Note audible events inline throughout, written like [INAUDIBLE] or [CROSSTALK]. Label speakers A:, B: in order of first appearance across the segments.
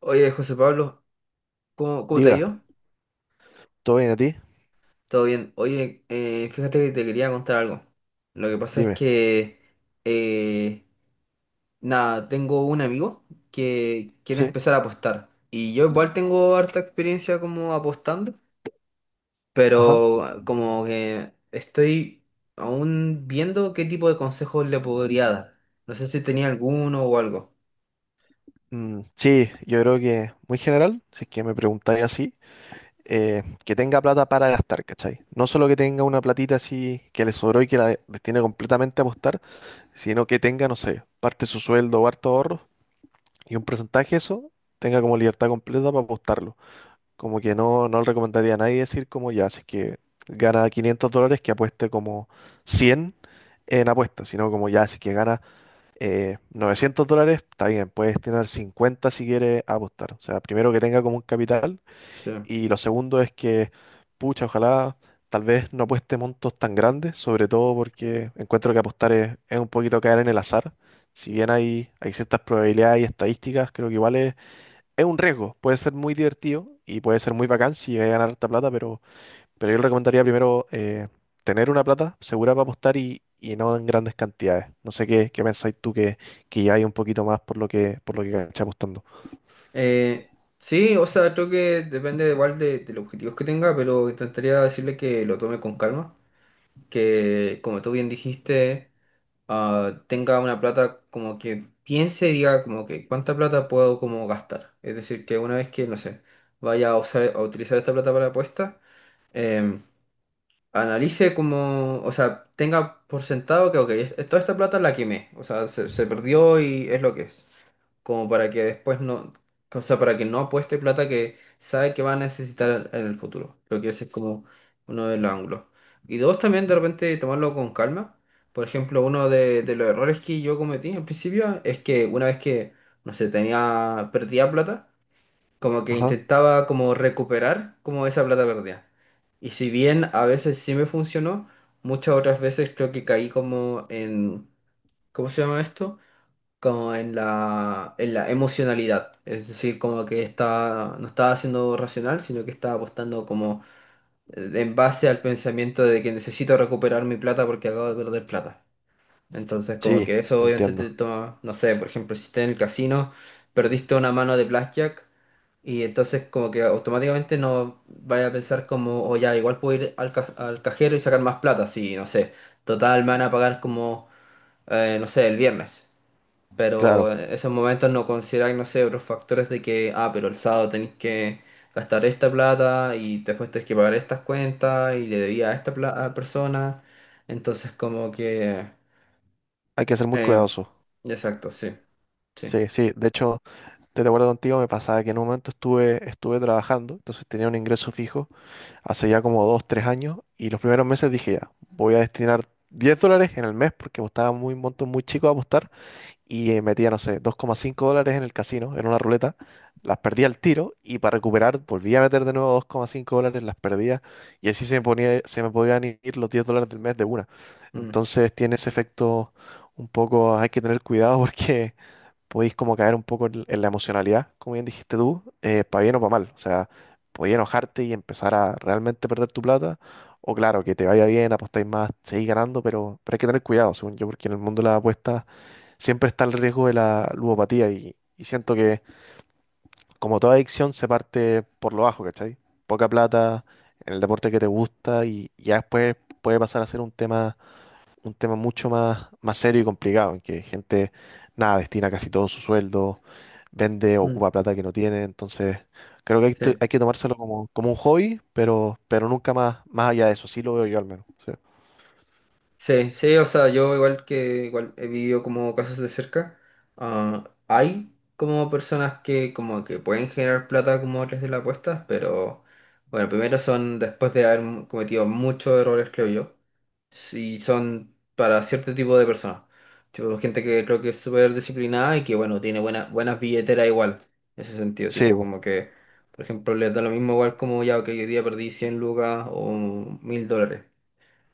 A: Oye, José Pablo, ¿cómo te ha
B: Diga,
A: ido?
B: ¿todo bien a ti?
A: Todo bien. Oye, fíjate que te quería contar algo. Lo que pasa es
B: Dime.
A: que, eh, nada, tengo un amigo que quiere
B: Sí,
A: empezar a apostar. Y yo igual tengo harta experiencia como apostando,
B: ajá.
A: pero como que estoy aún viendo qué tipo de consejos le podría dar. No sé si tenía alguno o algo.
B: Mm, sí, yo creo que muy general, si es que me preguntáis así, que tenga plata para gastar, ¿cachai? No solo que tenga una platita así que le sobró y que la destine completamente a apostar, sino que tenga, no sé, parte de su sueldo o harto ahorro y un porcentaje de eso tenga como libertad completa para apostarlo. Como que no le recomendaría a nadie decir como ya, si es que gana $500 que apueste como 100 en apuestas, sino como ya, si es que gana $900, está bien, puedes tener 50 si quieres apostar. O sea, primero que tenga como un capital
A: Sí.
B: y lo segundo es que, pucha, ojalá tal vez no apueste montos tan grandes, sobre todo porque encuentro que apostar es un poquito caer en el azar. Si bien hay ciertas probabilidades y estadísticas, creo que igual es un riesgo. Puede ser muy divertido y puede ser muy bacán si llegas a ganar harta plata, pero yo le recomendaría primero tener una plata segura para apostar y no en grandes cantidades. No sé qué pensáis tú que ya hay un poquito más por lo que cachai apostando.
A: Sí, o sea, creo que depende igual de los objetivos que tenga, pero intentaría decirle que lo tome con calma, que como tú bien dijiste, tenga una plata como que piense y diga como que cuánta plata puedo como gastar. Es decir, que una vez que, no sé, vaya a usar, a utilizar esta plata para apuestas, analice como, o sea, tenga por sentado que, ok, toda esta plata la quemé, o sea, se perdió y es lo que es. Como para que después no, o sea, para que no apueste plata que sabe que va a necesitar en el futuro. Lo que ese es como uno de los ángulos. Y dos, también de repente tomarlo con calma. Por ejemplo, uno de los errores que yo cometí al principio es que una vez que, no sé, perdía plata como que
B: Ajá.
A: intentaba como recuperar como esa plata perdida. Y si bien a veces sí me funcionó, muchas otras veces creo que caí como en, ¿cómo se llama esto? Como en la emocionalidad. Es decir, como que no estaba siendo racional, sino que estaba apostando como en base al pensamiento de que necesito recuperar mi plata porque acabo de perder plata. Entonces, como
B: Sí,
A: que eso
B: te
A: obviamente te
B: entiendo.
A: toma, no sé, por ejemplo, si estás en el casino, perdiste una mano de blackjack y entonces como que automáticamente no vaya a pensar como, o ya, igual puedo ir al cajero y sacar más plata, si, no sé, total me van a pagar como, no sé, el viernes.
B: Claro,
A: Pero en esos momentos no consideráis, no sé, otros factores de que, pero el sábado tenéis que gastar esta plata y después tenéis que pagar estas cuentas y le debía a esta a persona. Entonces, como que.
B: hay que ser muy
A: Eh,
B: cuidadoso.
A: exacto, sí, sí.
B: Sí, sí. De hecho, estoy de acuerdo contigo, me pasaba que en un momento estuve trabajando, entonces tenía un ingreso fijo hace ya como 2, 3 años, y los primeros meses dije ya, voy a destinar $10 en el mes porque apostaba muy montos muy chicos a apostar y metía, no sé, $2,5 en el casino, en una ruleta, las perdía al tiro y para recuperar volvía a meter de nuevo $2,5, las perdía y así se me ponía, se me podían ir los $10 del mes de una.
A: Mm,
B: Entonces tiene ese efecto un poco, hay que tener cuidado [LAUGHS] porque podéis como caer un poco en la emocionalidad, como bien dijiste tú, para bien o para mal. O sea, podéis enojarte y empezar a realmente perder tu plata. O claro, que te vaya bien, apostáis más, seguís ganando, pero hay que tener cuidado, según yo, porque en el mundo de las apuestas siempre está el riesgo de la ludopatía y siento que, como toda adicción, se parte por lo bajo, ¿cachai? Poca plata en el deporte que te gusta y ya después puede pasar a ser un tema mucho más, más serio y complicado, en que gente, nada, destina casi todo su sueldo, vende,
A: mm,
B: ocupa plata que no tiene, entonces creo que hay,
A: sí,
B: to- hay que tomárselo como un hobby, pero nunca más, más allá de eso, sí lo veo yo al menos. Sí,
A: sí, sí, o sea, yo igual que igual he vivido como casos de cerca, hay como personas que como que pueden generar plata como a través de las apuestas, pero bueno, primero son después de haber cometido muchos errores, creo yo. Sí, son para cierto tipo de personas. Tipo, gente que creo que es súper disciplinada y que, bueno, tiene buenas billeteras igual. En ese sentido,
B: sí,
A: tipo,
B: po,
A: como que, por ejemplo, les da lo mismo igual como ya, que hoy día perdí 100 lucas o 1.000 dólares.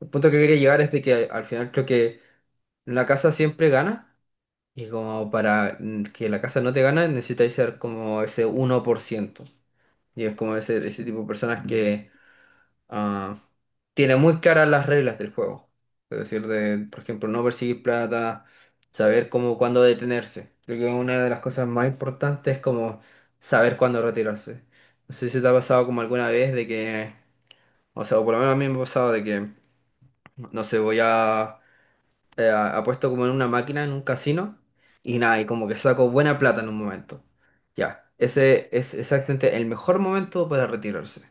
A: El punto que quería llegar es de que al final creo que la casa siempre gana y como para que la casa no te gane necesitáis ser como ese 1%. Y es como ese tipo de personas que ah, tiene muy claras las reglas del juego. Es decir, de, por ejemplo, no perseguir plata, saber cómo, cuándo detenerse. Creo que una de las cosas más importantes es como saber cuándo retirarse. No sé si te ha pasado como alguna vez de que, o sea, o por lo menos a mí me ha pasado de que, no sé, voy a, apuesto como en una máquina, en un casino, y nada, y como que saco buena plata en un momento. Ya, ese es exactamente el mejor momento para retirarse.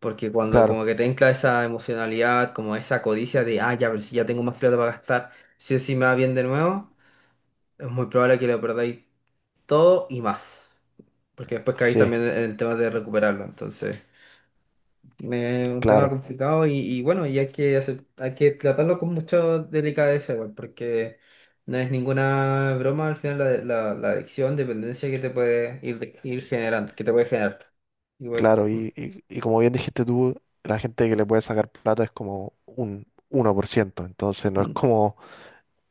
A: Porque cuando
B: claro,
A: como que te entra esa emocionalidad, como esa codicia de, ah, ya, pero si ya tengo más plata para gastar, si o si me va bien de nuevo, es muy probable que lo perdáis todo y más. Porque después caéis
B: sí,
A: también en el tema de recuperarlo. Entonces, es un tema
B: claro,
A: complicado y bueno, y hay que, hay que tratarlo con mucha delicadeza, igual, porque no es ninguna broma al final la, adicción, dependencia que te puede ir generando, que te puede generar. Igual.
B: claro, y como bien dijiste tú, la gente que le puede sacar plata es como un 1% entonces
A: mm,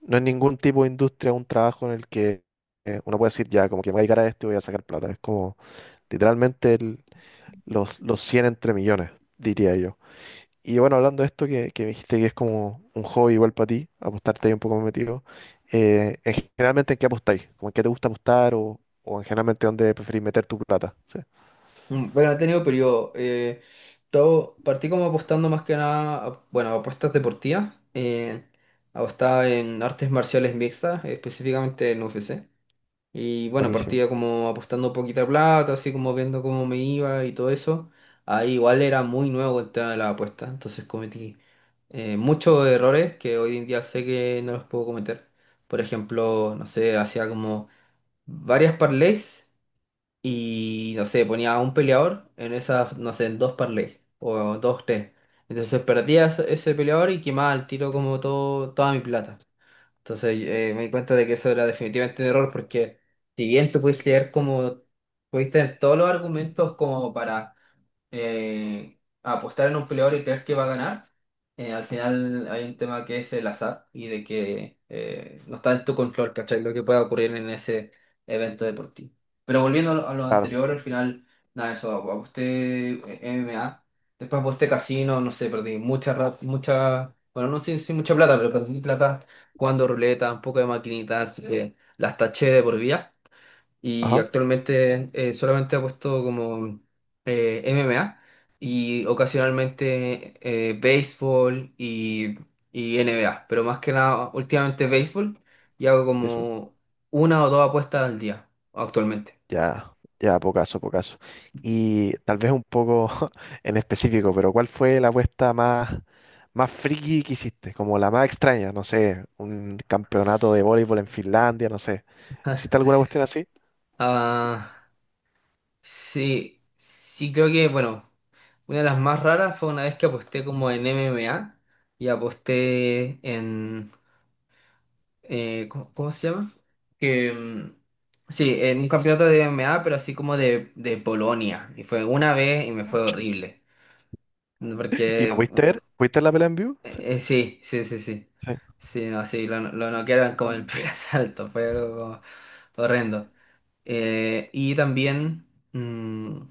B: no es ningún tipo de industria, un trabajo en el que... uno puede decir ya, como que me voy a dedicar a esto y voy a sacar plata. Es como literalmente los 100 entre millones, diría yo. Y bueno, hablando de esto, que me dijiste que es como un hobby igual para ti, apostarte ahí un poco más metido, en generalmente en qué apostáis, como en qué te gusta apostar o en generalmente dónde preferís meter tu plata. Sí,
A: Bueno, he tenido periodo. Todo, partí como apostando más que nada, bueno, a apuestas deportivas. Apostaba en artes marciales mixtas, específicamente en UFC. Y bueno,
B: buenísimo.
A: partía como apostando poquita plata, así como viendo cómo me iba y todo eso. Ahí igual era muy nuevo el tema de la apuesta, entonces cometí muchos errores que hoy en día sé que no los puedo cometer. Por ejemplo, no sé, hacía como varias parlays y no sé, ponía a un peleador en esas, no sé, en dos parlays o dos, tres. Entonces perdía ese peleador y quemaba al tiro como toda mi plata. Entonces me di cuenta de que eso era definitivamente un error porque si bien tú puedes leer como, pudiste tener todos los argumentos como para a apostar en un peleador y creer que va a ganar, al final hay un tema que es el azar y de que no está en tu control, ¿cachai? Lo que pueda ocurrir en ese evento deportivo. Pero volviendo a lo
B: Claro.
A: anterior, al final, nada, eso, aposté MMA, después aposté casino, no sé, perdí mucha, bueno, no sé si mucha plata, pero perdí plata jugando ruleta, un poco de maquinitas, las taché de por vida y
B: Ajá,
A: actualmente solamente ha puesto como MMA y ocasionalmente béisbol y NBA, pero más que nada últimamente béisbol y hago
B: eso.
A: como una o dos apuestas al día actualmente.
B: Ya, ya, pocaso, pocaso. Y tal vez un poco [LAUGHS] en específico, pero ¿cuál fue la apuesta más friki que hiciste? Como la más extraña, no sé, un campeonato de voleibol en Finlandia, no sé. ¿Hiciste alguna cuestión así?
A: Ah, sí, sí creo que, bueno, una de las más raras fue una vez que aposté como en MMA y aposté en, ¿cómo se llama? Que, mm, sí, en un campeonato de MMA, pero así como de Polonia. Y fue una vez y me fue horrible. Mm,
B: ¿Y
A: porque,
B: lo pudiste ver? ¿Pudiste ver la pelea en vivo? Sí.
A: sí, sí, sí, sí.
B: Sí.
A: Sí, no, sí, lo noquearon como el primer [LAUGHS] asalto. Fue algo horrendo. Y también. mm,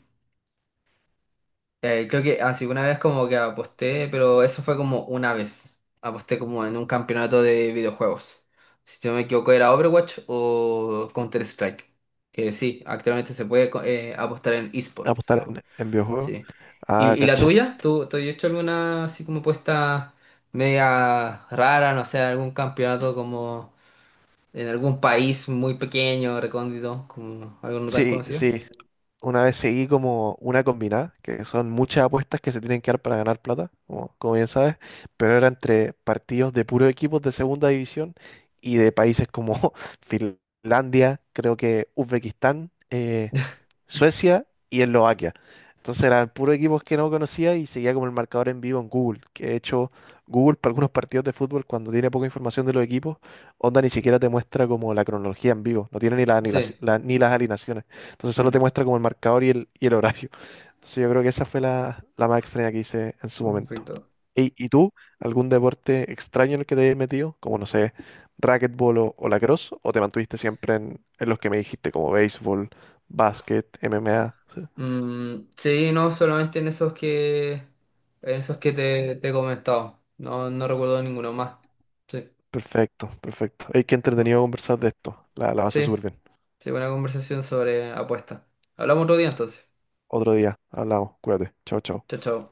A: Creo que así una vez como que aposté, pero eso fue como una vez. Aposté como en un campeonato de videojuegos. Si no me equivoco era Overwatch o Counter-Strike. Que sí, actualmente se puede apostar en esports.
B: Apostar
A: So,
B: en videojuegos.
A: sí. ¿Y,
B: Ah,
A: y la
B: cacho.
A: tuya? ¿Tú has hecho alguna así como apuesta media rara, no sé, algún campeonato como en algún país muy pequeño, recóndito, como algo no tan
B: Sí,
A: conocido?
B: sí, una vez seguí como una combinada, que son muchas apuestas que se tienen que dar para ganar plata, como bien sabes, pero era entre partidos de puros equipos de segunda división y de países como [LAUGHS] Finlandia, creo que Uzbekistán, Suecia y Eslovaquia. Entonces eran puros equipos que no conocía y seguía como el marcador en vivo en Google, que de hecho Google para algunos partidos de fútbol cuando tiene poca información de los equipos, onda ni siquiera te muestra como la cronología en vivo, no tiene ni,
A: Sí.
B: la- ni las alineaciones. Entonces solo te
A: Mm.
B: muestra como el marcador y el horario. Entonces yo creo que esa fue la más extraña que hice en su
A: Oh,
B: momento.
A: perfecto.
B: ¿Y tú, algún deporte extraño en el que te hayas metido? Como no sé, racquetball o lacrosse, o te mantuviste siempre en los que me dijiste, como béisbol, básquet, MMA. Sí.
A: Mm, sí, no, solamente en en esos que te he comentado. No, no recuerdo ninguno más. Sí.
B: Perfecto, perfecto. Hay que
A: Mm.
B: entretenido conversar de esto. La base
A: Sí,
B: súper bien.
A: sí, buena conversación sobre apuestas. Hablamos otro día entonces.
B: Otro día, hablamos, cuídate. Chao, chao.
A: Chao, chao.